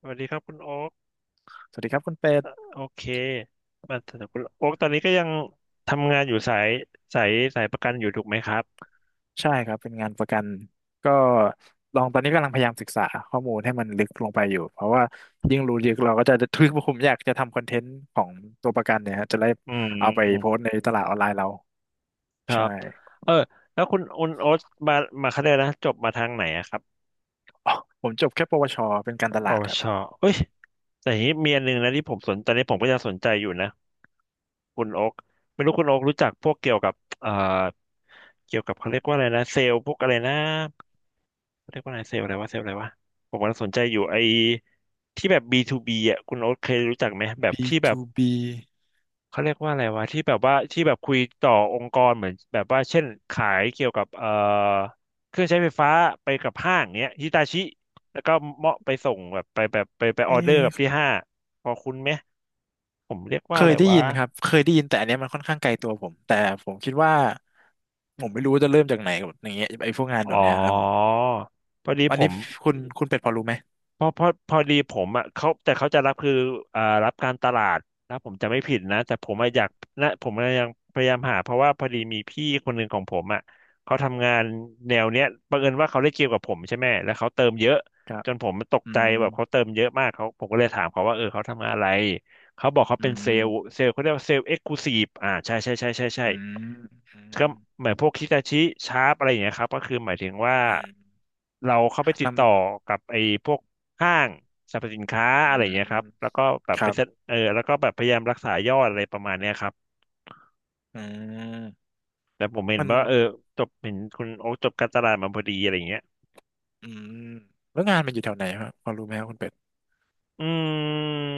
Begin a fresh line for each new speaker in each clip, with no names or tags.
สวัสดีครับคุณโอ๊ก
สวัสดีครับคุณเป็ด
โอเคมาถึงคุณโอ๊กตอนนี้ก็ยังทำงานอยู่สายสายสายประกันอยู่ถูกไหมครับ
ใช่ครับเป็นงานประกันก็ลองตอนนี้กำลังพยายามศึกษาข้อมูลให้มันลึกลงไปอยู่เพราะว่ายิ่งรู้ลึกเราก็จะ ทึกผมอยากจะทำคอนเทนต์ของตัวประกันเนี่ยฮะจะได้
อื
เอาไปโพส
ม
ต์ในตลาดออนไลน์เรา
ครั
ใช่
บเออแล้วคุณโอ๊ตมามาเขาเรยนะจบมาทางไหนอะครับ
อ๋อผมจบแค่ปวชเป็นการต
ป
ลาด
ว
ครับ
ชเอ้ยแต่ทีนี้มีอันหนึงนะที่ผมสนตอนนี้ผมก็ยังสนใจอยู่นะคุณโอ๊กไม่รู้คุณโอ๊กรู้จักพวกเกี่ยวกับเอ่อเกี่ยวกับเขาเรียกว่าอะไรนะเซลล์พวกอะไรนะ เรียกว่าอะไรเซลล์อะไรวะเซลล์อะไรวะผมกำลังสนใจอยู่ไอ้ที่แบบ B2B อ่ะคุณโอ๊ตเคยรู้จักไหมแบบที่
ปี
แบบเขาเรียกว่าอะไรวะที่แบบว่าที่แบบคุยต่อองค์กรเหมือนแบบว่าเช่นขายเกี่ยวกับเครื่องใช้ไฟฟ้าไปกับห้างเนี้ยฮิตาชิแล้วก็เหมาะไปส่งแบบไปแบบไปอ
เอ
อเดอร์กับ
ย
ที่ห้างพอคุณไหมผมเรียก
เค
ว่าอะ
ย
ไร
ได้
วะ
ยินครับเคยได้ยินแต่อันเนี้ยมันค่อนข้างไกลตัวผมแต่ผมคิดว่าผมไม่รู้จะเริ่มจากไหนกับอย่างเงี้ยไอ้พวกงานแบ
อ๋อ
บเนี้ยครับผม
พอดี
อัน
ผ
นี้
ม
คุณเป็ดพอรู้ไหม
เพราะพอดีผมอ่ะเขาแต่เขาจะรับคืออ่ารับการตลาดนะผมจะไม่ผิดนะแต่ผมอะอยากนะผมอะยังพยายามหาเพราะว่าพอดีมีพี่คนหนึ่งของผมอ่ะเขาทำงานแนวเนี้ยบังเอิญว่าเขาได้เกี่ยวกับผมใช่ไหมแล้วเขาเติมเยอะ
ครับ
จนผมตก
อื
ใจ
ม
แบบเขาเติมเยอะมากเขาผมก็เลยถามเขาว่าเออเขาทำงานอะไร เขาบอกเขาเป็
อื
นเซล
ม
ล์เซลล์เขาเรียกว่าเซลล์เอ็กซ์คลูซีฟอ่าใช่
อืมอืม
ก็เหมือนพวกคิตาชิชาร์ปอะไรอย่างเงี้ยครับก็คือหมายถึงว่า
อืม
เราเข้าไปติดต่อ
น
กับไอ้พวกห้างสรรพสินค้า
ำ
อะ
อื
ไรอย่างเงี้ยครั
ม
บแล้วก็แบบ
ค
ไป
รั
เซ็น
บ
เออแล้วก็แบบพยายามรักษายอดอะไรประมาณเนี้ยครับ
อืม
แต่ผมเห็น
มัน
ว่าเออจบเห็นคุณโอ๊คจบการตลาดมาพอดีอะไรอย่างเงี้ย
อืมแล้วงานมันอยู่แถวไหนครับพอรู้ไหมครับคุณเป็ด
อืม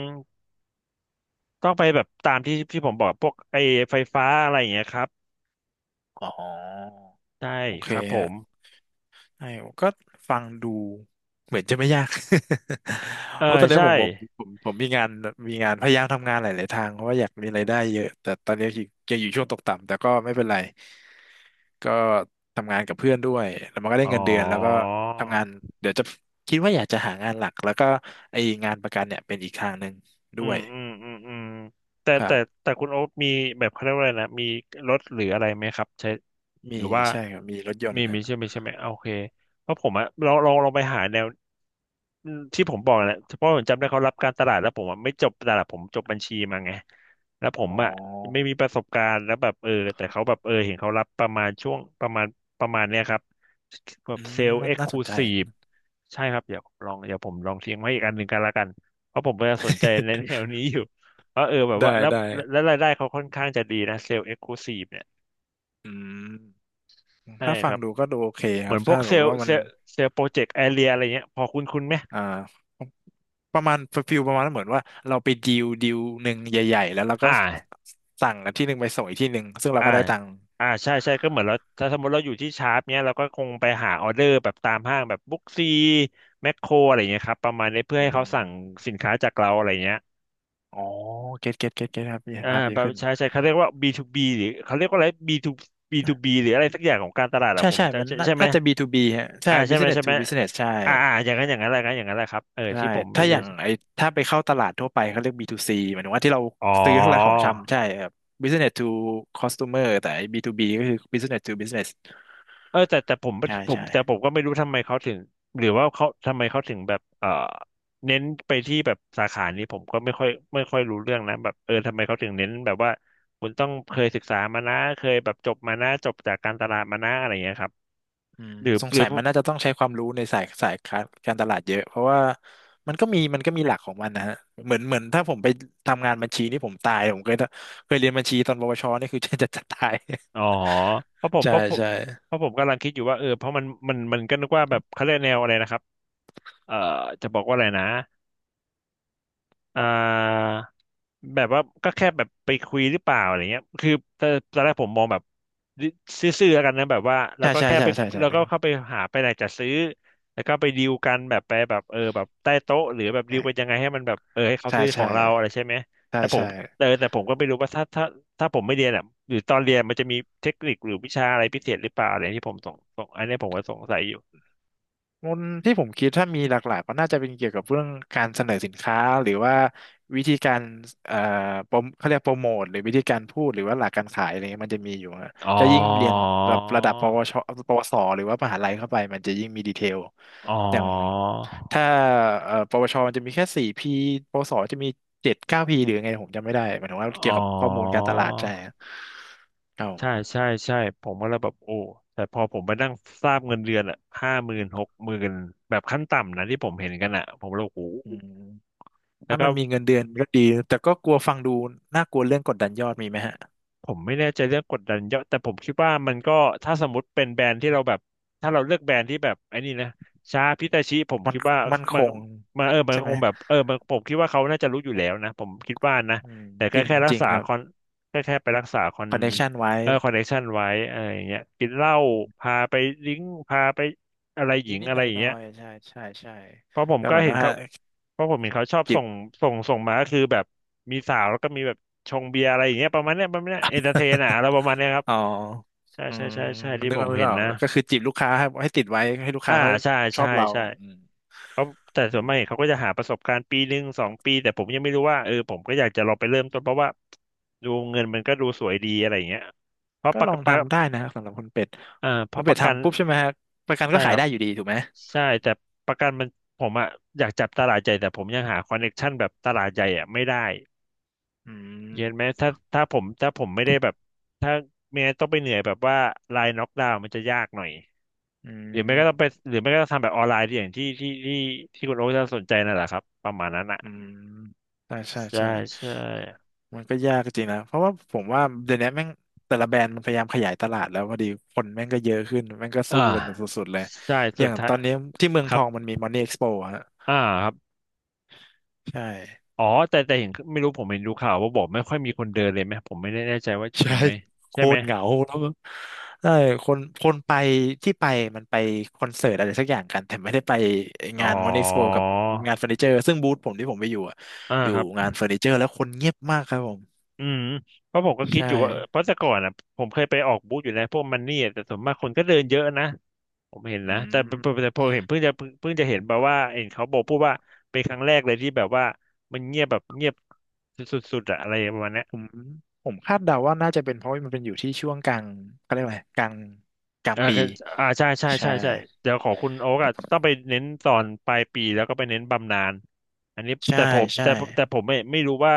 ต้องไปแบบตามที่ผมบอกพวกไอ้ไฟฟ้าอะไรอย่างเงี้ยครับ
อ๋อ
ได้
โอเค
ครับผ
ฮะ
ม
ใช่ผมก็ฟังดูเหมือนจะไม่ยาก
เออ
เพราะตอนนี้
ใช่
ผมมีงานมีงานพยายามทำงานหลายๆทางเพราะว่าอยากมีรายได้เยอะ แต่ตอนนี้ยังอยู่ช่วงตกต่ำแต่ก็ไม่เป็นไร ก็ทำงานกับเพื่อนด้วยแล้วมันก็ได้
อ๋อ
เงินเดือนแล้วก็ทำงานเดี๋ยวจะคิดว่าอยากจะหางานหลักแล้วก็ไอ้งานประกันเนี่ยเป็นอีกทางหนึ่ง
อื
ด้ว
ม
ย
อืมอืมอืมแต่
ครั
แต่
บ
แต่คุณโอ๊คมีแบบเขาเรียกว่าอะไรนะมีรถหรืออะไรไหมครับใช้
มี
หรือว่า
ใช่ครับมีรถยน
มี
ต์
มี
นะ
ใช่ไหมอ่ะโอเคเพราะผมอะลองไปหาแนวอืมที่ผมบอกแหละเพราะผมจำได้เขารับการตลาดแล้วผมอะไม่จบตลาดผมจบบัญชีมาไงแล้วผม
อ๋
อะไม่มี
อ
ประสบการณ์แล้วแบบเออแต่เขาแบบเออเห็นเขารับประมาณช่วงประมาณเนี้ยครับแบ
อื
บเซ
ม
ลล์
น่า
เอ็กซ์
น่า
ค
ส
ลู
นใจ
ซีฟใช่ครับเดี๋ยวผมลองเดี๋ยวผมลองทิ้งไว้อีกอันหนึ่งกันละกัน เพราะผมก็สนใจในแนวนี้อยู่ เพราะเออแบ บว่า
ได้
แล้ว
ได้
แล้วรายได้เขาค่อนข้างจะดีนะเซลล์เอ็กซ์คลูซีฟเนี่ย
อืม
ใช่
ถ้า
ค
ฟัง
รับ
ดูก็ดูโอเค
เห
ค
มื
รั
อ
บ
นพว
ถ้า
ก
ส
เซ
มม
ล
ติ
ล์
ว่า
เซ
มัน
ลล์เซลล์โปรเจกต์แอเรียอะไรเงี้ยพอคุ้นคุ้นไหม
อ่าประมาณฟิลประมาณเหมือนว่าเราไปดีลหนึ่งใหญ่ๆแล้วเราก็
อ่า
สั่งอันที่หนึ่งไปส่งอีกที่หนึ่งซึ่งเรา
อ่า
ก็ได้ตังค์
อ่าใช่ใช่ก็เหมือนเราถ้าสมมติเราอยู่ที่ชาร์ปเนี้ยเราก็คงไปหาออเดอร์แบบตามห้างแบบบุ๊กซีแมคโครอะไรเงี้ยครับประมาณนี้เพื่อ
อื
ให้เขา
ม
สั่งสินค้าจากเราอะไรเงี้ย
อ๋อเก็ตเก็ตเก็ตเก็ตครับเห็น
อ่า
ภาพดี
แบบ
ขึ้น
ใช่ใช่เขาเรียกว่า B2B หรือเขาเรียกว่าอะไร B2 B2B หรืออะไรสักอย่างของการตลาดอะ
ใช่
ผม
ใช่มั
จำ
น
ใช่
น่า
ใช่ไหม
น่าจะ B2B ฮะใช่
อ่าใช่ไหม
Business
ใช่ไห
to
ม
Business ใช่
อ่าอ่าอย่างนั้นอย่างนั้นแหละครับอย่างนั้นแหละครับเออ
ใช่
ที่ผมไม่
ถ้าอ
ได้
ย่างไอ้ถ้าไปเข้าตลาดทั่วไปเขาเรียก B2C หมายถึงว่าที่เรา
อ๋อ
ซื้อทั้งหลายของชำใช่ครับ Business to Customer แต่ไอ้ B2B ก็คือ Business to Business
เออแต่แต่ผม
ใช่
ผม
ใช่
แต่ผมก็ไม่รู้ทำไมเขาถึงหรือว่าเขาทำไมเขาถึงแบบเออเน้นไปที่แบบสาขานี้ผมก็ไม่ค่อยรู้เรื่องนะแบบเออทำไมเขาถึงเน้นแบบว่าคุณต้องเคยศึกษามานะเคยแบบจบมานะจบจากการตลาดมานะอะไรอย่างเงี้ยครับ
อืม
หรือ
สง
หรือ
สัยมันน่าจะต้องใช้ความรู้ในสายการตลาดเยอะเพราะว่ามันก็มีมันก็มีหลักของมันนะฮะเหมือนเหมือนถ้าผมไปทำงานบัญชีนี่ผมตายผมเคยเคยเรียนบัญชีตอนปวชนี่คือ จะจะจะตาย
อ๋อเพราะผม
ใช่
เพราะผม
ใช่
เพราะผมกำลังคิดอยู่ว่าเออเพราะมันก็นึกว่าแบบเขาเรียกแนวอะไรนะครับ เอ่อจะบอกว่าอะไรนะ อ่าแบบว่าก็แค่แบบไปคุยหรือเปล่าอะไรเงี้ยคือตอนแรกผมมองแบบซื่อๆแล้วกันนะแบบว่าเรา
ใช่
ก็
ใช่
แค่
ใช่
ไป
ใช่ใช่
เรา
นึ
ก็
กอ
เข้า
อ
ไปหาไปไหนจะซื้อแล้วก็ไปดีลกันแบบไปแบบเออแบบใต้โต๊ะหรือแบ
น
บดี
แร
ล
ก
กันยังไงให้มันแบบเออให้เขา
ใช่
ซื้อขอ
ใช่
งเราอะไรใช่ไหม
ใช่
แต่ผม
ใช่
เออแต่ผมก็ไม่รู้ว่าถ้าผมไม่เรียนอ่ะหรือตอนเรียนมันจะมีเทคนิคหรือวิชาอะไรพิเศษหรือเปล่าอะไรที่ผมสงสงอันนี้ผมก็สงสัยอยู่
งนที่ผมคิดถ้ามีหลักๆก็น่าจะเป็นเกี่ยวกับเรื่องการเสนอสินค้าหรือว่าวิธีการเอ่อโปรโมเขาเรียกโปรโมทหรือวิธีการพูดหรือว่าหลักการขายอะไรเงี้ยมันจะมีอยู่ฮะ
อ๋อ
จะยิ่งเรียนแบบระดับปวชปวสหรือว่ามหาลัยเข้าไปมันจะยิ่งมีดีเทล
อ๋อ
อย่างถ้าปวชมันจะมีแค่สี่พีปวสจะมีเจ็ดเก้าพีหรือไงผมจำไม่ได้หมายถึงว่า
อ๋
เกี่ยว
อ
กับข้อมูลการตลาดใช่ครั
ใช่
บ
ใช่ใช่ผมก็เลยแบบโอ้แต่พอผมไปนั่งทราบเงินเดือนอะห้าหมื่นหกหมื่นแบบขั้นต่ำนะที่ผมเห็นกันอะผมเลยโอ้โห
อืม
แล้ว
ถ้า
ก็
มันมีเงินเดือนก็ดีแต่ก็กลัวฟังดูน่ากลัวเรื่องกดดันยอดมีไหมฮะ
ผมไม่แน่ใจเรื่องกดดันเยอะแต่ผมคิดว่ามันก็ถ้าสมมติเป็นแบรนด์ที่เราแบบถ้าเราเลือกแบรนด์ที่แบบไอ้นี่นะชาพิตาชิผม
มัน
คิดว่า
มันค
มัน
ง
มันเออมัน
ใช่
ก็
ไห
ค
ม
งแบบเออมันผมคิดว่าเขาน่าจะรู้อยู่แล้วนะผมคิดว่านะ
อืม
แต่
จ
แค่
ริง
แค่รั
จ
ก
ริง
ษา
ครั
ค
บ
อนแค่ไปรักษาคอน
คอนเนคชันไว้
คอนเนคชันไว้อะไรอย่างเงี้ยกินเหล้าพาไปดริ้งพาไปอะไรหญิ
นิด
ง
นิด
อะ
ห
ไร
น่อ
อ
ย
ย่าง
หน่
เงี้
อ
ย
ยๆใช่ใช่ใช่
เพราะผม
ก็
ก็
เหมือน
เห็น
ว่า
เขาเพราะผมเห็นเขาชอบ
จี
ส่
บ
งส่งมาก็คือแบบมีสาวแล้วก็มีแบบชงเบียร์อะไรอย่างเงี้ยประมาณเนี้ยประมาณเนี้ยเอนเตอร์เทนอะอะไรประมาณเนี้ยครับ
อ๋อ
ใช่
อื
ใช่
ม
ใช่ใช่ ที่
นึก
ผ
ออ
ม
กนึก
เห็น
ออก
นะ
ก็คือจีบลูกค้าให้ให้ติดไว้ให้ลูก
อ่า
ค้าเขา
ใช่
ชอ
ใช่
บเรา
ใช่
อืม
เขาแต่
อื
ส่วนมากเขา
ม
ก็จะหาประสบการณ์ปีหนึ่งสองปี แต่ผมยังไม่รู้ว่า ผมก็อยากจะลองไปเริ่มต้นเพราะว่าดูเงินมันก็ดูสวยดีอะไรอย่างเงี้ยเพราะ
ก็
ประ
ลอ
กั
ง
นประ
ทำได้นะสำหรับคุณเป็ด
อ่าเพ
คุณ
ราะป
เป็ด
ระกัน
ทำปุ๊บใช่ไหมฮะประกันก็
ใช่
ขา
ค
ย
รับ
ได้อยู่ดีถูกไหม
ใช่แต่ประกันมันผมอะอยากจับตลาดใหญ่แต่ผมยังหาคอนเน็กชันแบบตลาดใหญ่อะไม่ได้
อืม
เย็นไหมถ้าผมผมไม่ได้แบบถ้าไม่งั้นต้องไปเหนื่อยแบบว่าไลน์น็อกดาวน์มันจะยากหน่อย
อื
หรือไม่ก็ต้องไป
ม
หรือไม่ก็ต้องทำแบบออนไลน์ที่อย่างที่ที่คุณโอ๊คจะสนใจนั่นแหละครับประมาณนั้นอ่ะ
อืมใช่ใช่
ใช่
ใช่
ใช่
มันก็ยากจริงนะเพราะว่าผมว่าเดี๋ยวนี้แม่งแต่ละแบรนด์มันพยายามขยายตลาดแล้วพอดีคนแม่งก็เยอะขึ้นแม่งก็สู้
อ่า
กันสุดๆเลย
ใช่
อ
สุด
ย่าง
ท้าย
ตอนนี้ที่เมือง
ค
ท
รั
อ
บ
งมันมี Money Expo อะฮะ
อ่าครับ
ใช่
อ๋อแต่เห็นไม่รู้ผมเห็นดูข่าวว่าบอกไม่ค่อยมีคนเดินเลยไหมผมไม่ได้แน่ใจว่าจริ
ใช่
งไหม
โค
ใช่ไหม
ตรเหงาแล้วก็ใช่คนคนไปที่ไปมันไปคอนเสิร์ตอะไรสักอย่างกันแต่ไม่ได้ไป
อ๋อ
งาน Money Expo กับงานเฟอร์นิเจอร์ซึ่งบูธผมที่ผมไปอยู่อะ
อ่า
อยู่
ครับ
งานเฟอร์นิเจอร์แล้วคนเงียบมากครับผม
อืมเพราะผมก็คิด
ใช่
อยู่ว่าเอพราะแต่ก่อนอ่ะผมเคยไปออกบูธอยู่แล้วพวกมันนี่อะแต่ส่วนมากคนก็เดินเยอะนะผมเห็น
อื
นะแต่
ม
พอเห็นเพิ่งจะเห็นแบบว่าเห็นเขาบอกพูดว่าเป็นครั้งแรกเลยที่แบบว่ามันเงียบสุดๆอะอะไรประมาณเนี้ย
ผมผมคาดเดาว่าน่าจะเป็นเพราะว่ามันเป็นอยู่ที่ช่วงกลางเขาเรียกว่าอะไรกลางกลาง
อ่า
ปี
กืออ่าใช่ใช่
ใช่
ใช่ใช่เดี๋ยวของคุณโอ๊กอ่ะต้องไปเน้นตอนปลายปีแล้วก็ไปเน้นบำนาญอันนี้
ใช่
แต่ผม
ใช่
แต่แต่ผมไม่รู้ว่า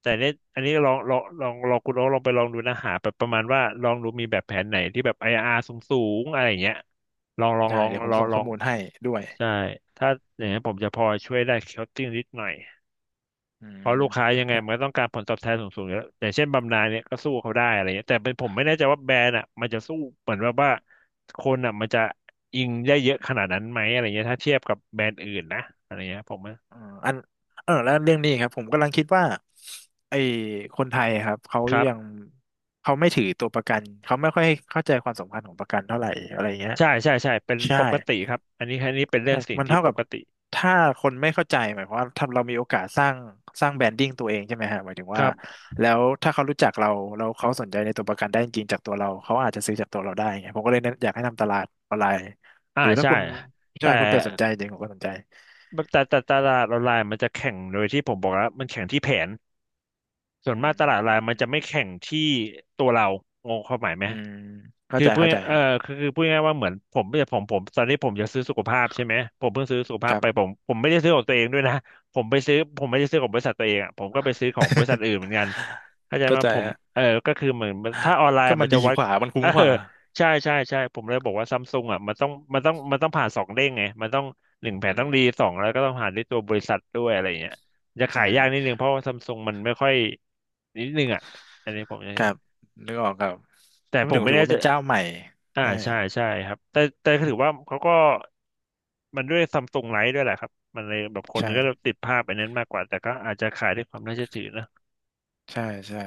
แต่เนี้ยอันนี้ลองคุณโอ๊กลองไปลองดูนะหาแบบประมาณว่าลองดูมีแบบแผนไหนที่แบบ IRR สูงอะไรอย่างเงี้ยลองลอง
ได้
ลอง
เดี๋ยวผ
ล
ม
อง
ส่ง
ล
ข้
อ
อ
ง
มูลให้ด้วย
ใช่ถ้าอย่างนี้นผมจะพอช่วยได้ c o ตติ้งนิดหน่อย
อื
เพราะ
ม
ลูกค้ายังไง
เ
มันก็ต้องการผลตอบแทนสูงๆอยู่แล้วอย่างเช่นบำนาญเนี่ยก็สู้เขาได้อะไรเงี้ยแต่เป็นผมไม่แน่ใจว่าแบรนด์อ่ะมันจะสู้เหมือนว่าคนอ่ะมันจะอิงได้เยอะขนาดนั้นไหมอะไรเงี้ยถ้าเทียบกับแบรนด์อื่นนะอะไรเงี้ยผมว่า
อ่ออันเออแล้วเรื่องนี้ครับผมกำลังคิดว่าไอ้คนไทยอะครับเขา
ครับ
ยังเขาไม่ถือตัวประกันเขาไม่ค่อยเข้าใจความสำคัญของประกันเท่าไหร่อะไรเงี้ย
ใช่ใช่ใช่เป็น
ใช่
ปกติครับอันนี้เป็นเรื่
ใช่
องสิ่ง
มัน
ที่
เท่า
ป
กับ
กติ
ถ้าคนไม่เข้าใจหมายความว่าถ้าเรามีโอกาสสร้างสร้างแบรนดิ้งตัวเองใช่ไหมฮะหมายถึง
ค
ว่า
รับ
แล้วถ้าเขารู้จักเราแล้วเขาสนใจในตัวประกันได้จริงๆจากตัวเราเขาอาจจะซื้อจากตัวเราได้ไงผมก็เลยแนะอยากให้ทำตลาดออนไลน์
อ่า
หรือถ้า
ใช่
คุณใช่
แต่
คุณเป็ดสนใจจริงผมก็สนใจ
ตลาดออนไลน์มันจะแข่งโดยที่ผมบอกแล้วมันแข่งที่แผนส่ว
อื
นมากตลาดออนไลน์มันจะ
ม
ไม่แข่งที่ตัวเรางงความหมายไหม
อืมเข้า
คือ
ใจ
พูด
เข้าใจครับ
คือพูดง่ายๆว่าเหมือนผมไม่ใช่ผมตอนนี้ผมจะซื้อสุขภาพใช่ไหมผมเพิ่งซื้อสุข
ค
ภาพ
รับ
ไปผมไม่ได้ซื้อของตัวเองด้วยนะผมไปซื้อผมไม่ได้ซื้อของบริษัทตัวเองอ่ะผมก็ไปซื้อของบริษัทอื่นเหมื อนกันเข้าใจไห
เข้า
ม
ใจ
ผม
ฮะ
เออก็คือเหมือนถ้าออนไล
ก็
น์
มั
มั
น
นจะ
ดี
วัด
กว่ามันคุ้
เอ
มก
อ
ว่า
ใช่ผมเลยบอกว่าซัมซุงอ่ะมันต้องผ่านสองเด้งไงมันต้องหนึ่งแผน
อื
ต้อ
ม
งดีสองแล้วก็ต้องผ่านด้วยตัวบริษัทด้วยอะไรอย่างเงี้ยจะ
ใช่
ขายยากนิดนึงเพราะว่าซัมซุงมันไม่ค่อยนิดนึงอ่ะอันนี้ผมจะ
ครับนึกออกครับ
แต่
ถ้าพู
ผ
ด
ม
ถึง
ไม่
ถือ
แน่
ว่า
ใจ
เป็นเจ้าใหม่
อ่า
ใช่
ใช่ใช่ครับแต่ถือว่าเขาก็มันด้วยซัมซุงไลท์ด้วยแหละครับมันเลยแบบคน
ใช่
ก็ติดภาพไปนั้นมากกว่าแต่ก็อาจจะขายด้วยความน่าเชื่อถือนะ
ใช่ใช่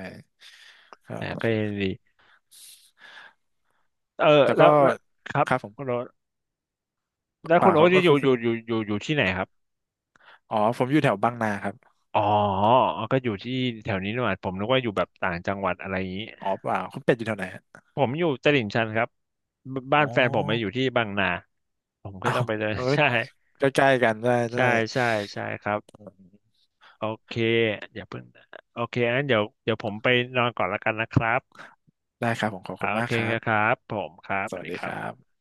ค
แต่ก็
รั
ยั
บ
งดีเออ
แต่
แล้
ก็
วแล้วครับ
ครับผม
คุณโอ๊ตแล้ว
เป
คุ
ล่า
ณ
ค
โอ๊
รั
ต
บ
จะ
ว่าคุณคุณ
อยู่ที่ไหนครับ
อ๋อผมอยู่แถวบางนาครับ
อ๋อก็อยู่ที่แถวนี้นี่หว่าผมนึกว่าอยู่แบบต่างจังหวัดอะไรอย่างนี้
อ๋อเปล่าคุณเป็ดอยู่แถวไหนฮะ
ผมอยู่ตลิ่งชันครับบบ้า
อ๋อ
นแฟนผมมาอยู่ที่บางนาผมก็
อ้า
ต้
ว
องไปเดิน
เออ ใกล้ๆกันได้ได้
ใช่ใช่ใช่ครับ โอเคอย่าเพิ่งนะโอเคงั้นเดี๋ยวผมไปนอนก่อนละกันนะครับ
ได้ครับผมขอบ
อ่า
คุณ
โอ
มาก
เค
ครั
ค
บ
รับผมครับ
ส
สวัส
วัส
ดี
ดี
ค
ค
รั
รั
บ
บ